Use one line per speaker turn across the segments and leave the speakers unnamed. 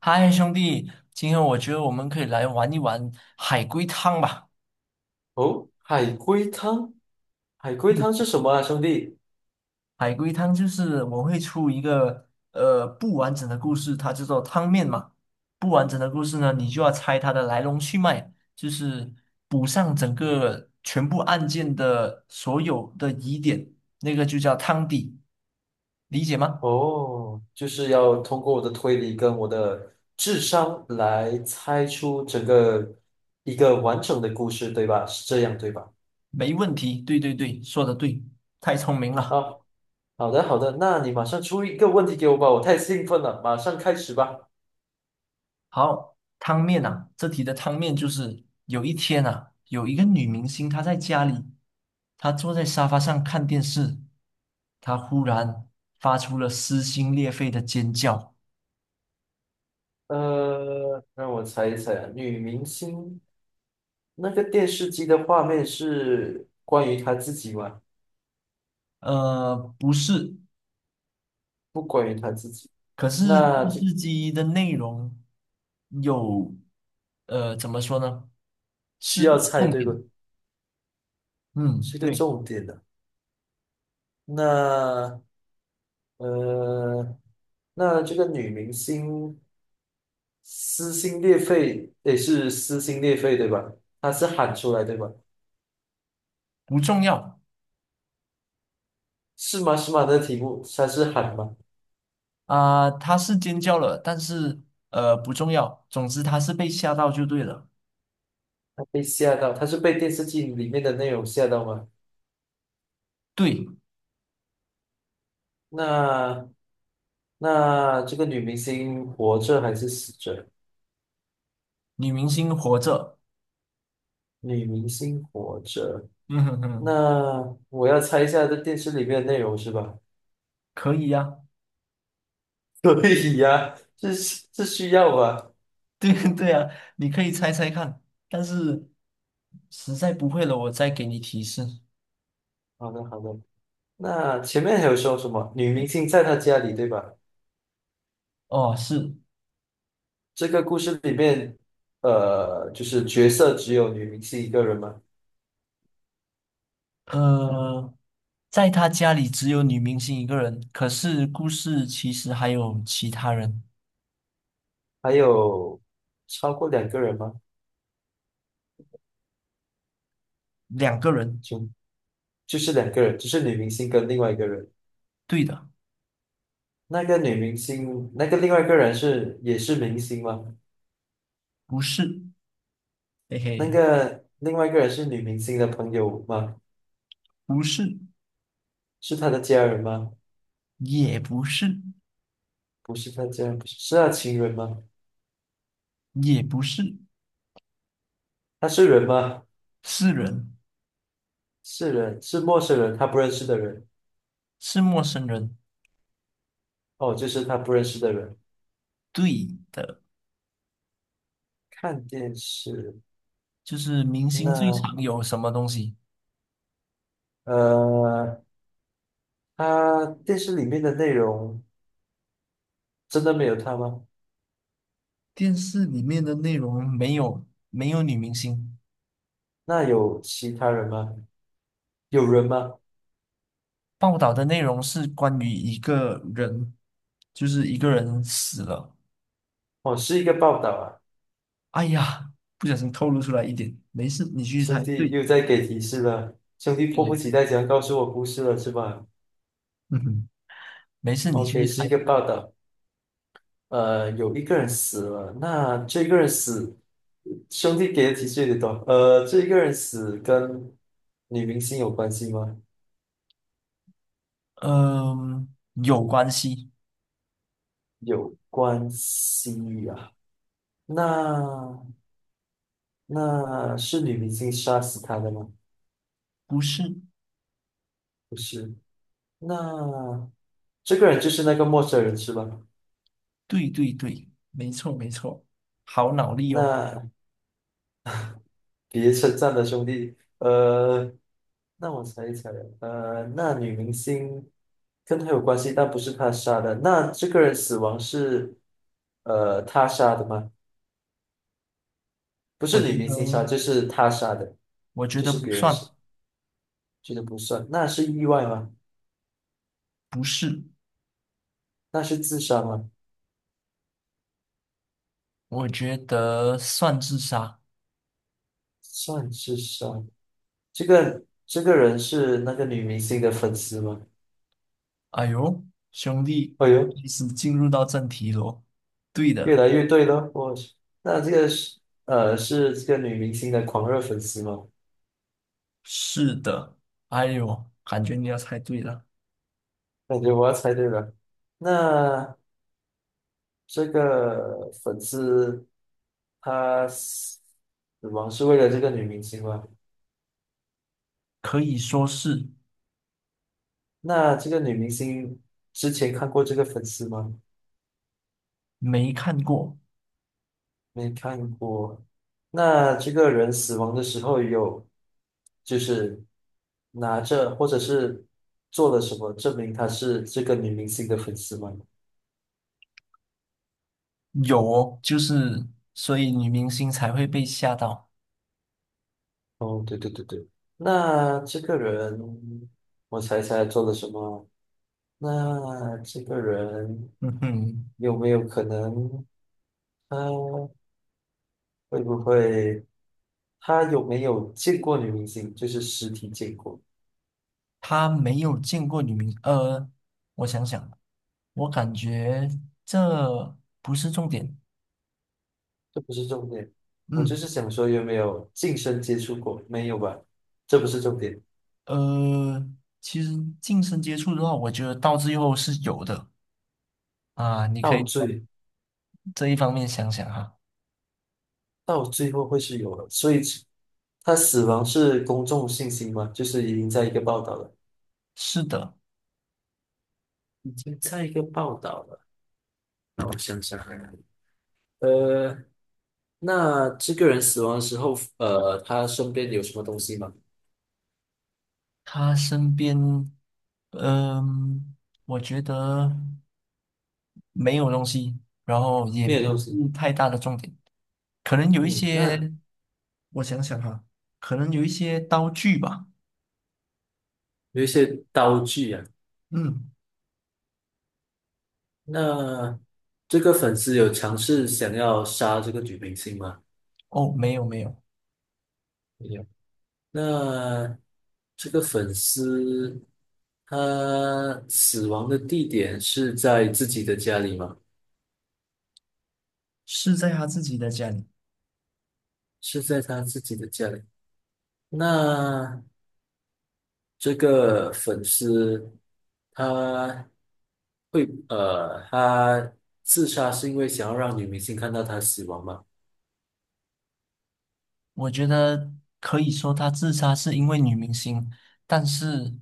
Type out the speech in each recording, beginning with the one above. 嗨，兄弟，今天我觉得我们可以来玩一玩海龟汤吧。
哦，海龟汤，海龟汤
嗯，
是什么啊，兄弟？
海龟汤就是我会出一个不完整的故事，它叫做汤面嘛。不完整的故事呢，你就要猜它的来龙去脉，就是补上整个全部案件的所有的疑点，那个就叫汤底，理解吗？
哦，就是要通过我的推理跟我的智商来猜出整个一个完整的故事，对吧？是这样，对吧？
没问题，对对对，说的对，太聪明了。
啊，好的，好的，那你马上出一个问题给我吧，我太兴奋了，马上开始吧。
好，汤面啊，这题的汤面就是有一天啊，有一个女明星她在家里，她坐在沙发上看电视，她忽然发出了撕心裂肺的尖叫。
让我猜一猜啊，女明星那个电视机的画面是关于她自己吗？
呃，不是，
不关于她自己，
可是
那
电
这
视机的内容有，呃，怎么说呢？
需
是
要
个
猜
重
对
点。
不？
嗯，
是个
对，
重点的。那呃，那这个女明星撕心裂肺，也是撕心裂肺对吧？她是喊出来对吧？
不重要
是吗？是吗？她的题目她是喊吗？
啊，她是尖叫了，但是不重要，总之她是被吓到就对了。
她被吓到，她是被电视剧里面的内容吓到吗？
对。
那那这个女明星活着还是死着？
女明星活着，
女明星活着，
嗯哼哼，
那我要猜一下这电视里面的内容是吧？
可以呀、
可以呀、这需要吧？
对对呀、你可以猜猜看，但是实在不会了，我再给你提示。
好的好的。那前面还有说什么女明星在他家里，对吧？
哦，是，
这个故事里面，就是角色只有女明星一个人吗？
呃，在他家里只有女明星一个人，可是故事其实还有其他人，
还有超过两个人吗？
两个人，
就就是两个人，就是女明星跟另外一个人。
对的，
那个女明星，那个另外一个人是也是明星吗？
不是，嘿
那
嘿，
个另外一个人是女明星的朋友吗？
不是，
是她的家人吗？
也不是，
不是她家人，不是，是她情人吗？
也不是，
他是人吗？
是人，
是人，是陌生人，他不认识的人。
是陌生人，
哦，就是他不认识的人。
对的，
看电视，
就是明星最
那
常有什么东西？
呃，他电视里面的内容真的没有他吗？
电视里面的内容没有女明星，
那有其他人吗？有人吗？
报道的内容是关于一个人，就是一个人死了。
哦，是一个报道啊，
哎呀，不小心透露出来一点，没事，你继续
兄
猜。
弟
对，
又在给提示了，兄弟
对
迫不
对，
及待想要告诉我故事了是吧
嗯哼，没事，你继续
？OK，是一
猜。
个报道，有一个人死了，那这个人死，兄弟给的提示有点多，这一个人死跟女明星有关系吗？
嗯、有关系，
有关系啊。那那是女明星杀死他的吗？
不是？
不是。那这个人就是那个陌生人是吧？
对对对，没错没错，好脑力哦。
那别称赞的兄弟，那我猜一猜啊，那女明星跟他有关系，但不是他杀的。那这个人死亡是他杀的吗？不
我
是
觉
女明星
得，
杀，就是他杀的，
我觉
就
得
是
不
别人
算，
杀，这个不算。那是意外吗？
不是，
那是自杀吗？
我觉得算自杀。
算是杀。这个人是那个女明星的粉丝吗？
哎呦，兄弟，
哎呦，
开始进入到正题喽。对
越
的，
来越对了，我去，那这个是是这个女明星的狂热粉丝吗？
是的。哎呦，感觉你要猜对了，
感觉我要猜对了。那这个粉丝他死亡是为了这个女明星吗？
可以说是
那这个女明星之前看过这个粉丝吗？
没看过，
没看过。那这个人死亡的时候有，就是拿着或者是做了什么证明他是这个女明星的粉丝吗？
有哦，就是所以女明星才会被吓到。
哦，对对对对。那这个人，我猜猜做了什么？那这个人
嗯哼，
有没有可能，他会不会，他有没有见过女明星？就是实体见过。
他没有见过女明，呃，我想想，我感觉这不是重点。
这不是重点，我就
嗯，
是想说有没有近身接触过，没有吧？这不是重点，
呃，其实近身接触的话，我觉得到最后是有的啊，你可
到
以。
最
这一方面想想哈，
到最后会是有的，所以他死亡是公众信息吗？就是已经在一个报道了，
是的，
已经在一个报道了。那我想想看，呃，那这个人死亡的时候，他身边有什么东西吗？
他身边，嗯，我觉得没有东西，然后也
没有
不
东
是
西。
太大的重点，可能有一
嗯，那
些，我想想哈，可能有一些刀具吧，
有一些刀具啊。
嗯，
那这个粉丝有尝试想要杀这个女明星吗？
哦，没有，
没有。那这个粉丝他死亡的地点是在自己的家里吗？
是在他自己的家里，
是在他自己的家里。那这个粉丝他会他自杀是因为想要让女明星看到他死亡吗？
我觉得可以说他自杀是因为女明星，但是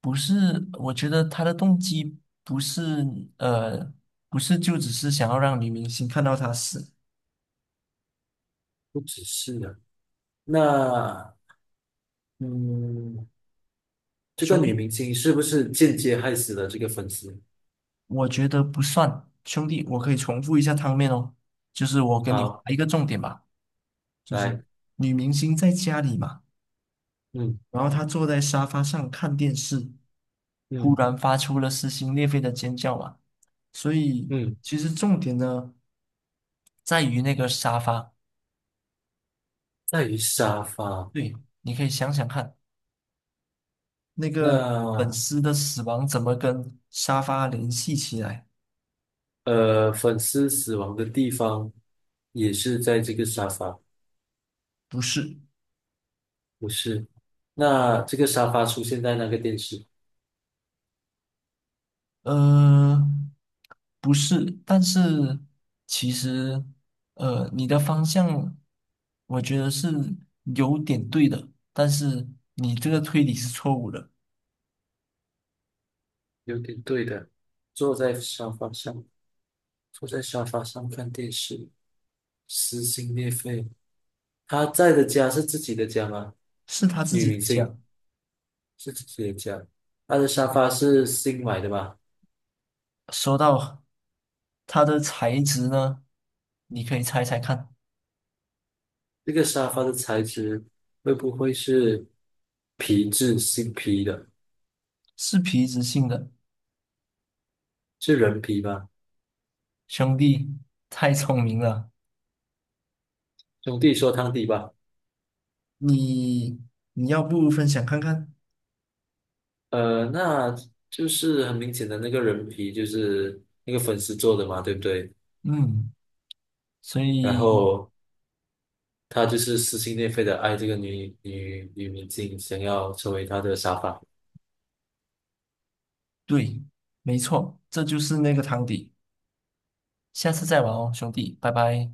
不是？我觉得他的动机不是呃，不是就只是想要让女明星看到他死。
不只是的。那嗯，这个
兄
女
弟，
明星是不是间接害死了这个粉丝？
我觉得不算。兄弟，我可以重复一下汤面哦，就是我跟你划
好，
一个重点吧，就是
来，
女明星在家里嘛，
嗯
然后她坐在沙发上看电视，忽
嗯
然发出了撕心裂肺的尖叫嘛。所以
嗯，
其实重点呢。在于那个沙发。
在于沙发。
对，你可以想想看，那个粉
那
丝的死亡怎么跟沙发联系起来？
粉丝死亡的地方也是在这个沙发，
不是，
不是？那这个沙发出现在那个电视，
呃，不是，但是其实，你的方向，我觉得是有点对的，但是你这个推理是错误的，
有点对的。坐在沙发上，坐在沙发上看电视，撕心裂肺。他在的家是自己的家吗？
是他自
女
己
明星
讲。
是自己的家，他的沙发是新买的吧？
说到它的材质呢，你可以猜猜看，
这个沙发的材质会不会是皮质新皮的？
是皮质性的。
是人皮吗？
兄弟，太聪明了。
兄弟说汤底吧。
你你要不分享看看？
那就是很明显的那个人皮就是那个粉丝做的嘛，对不对？
嗯，所
然
以
后他就是撕心裂肺的爱这个女明星，想要成为她的沙发。
对，没错，这就是那个汤底。下次再玩哦，兄弟，拜拜。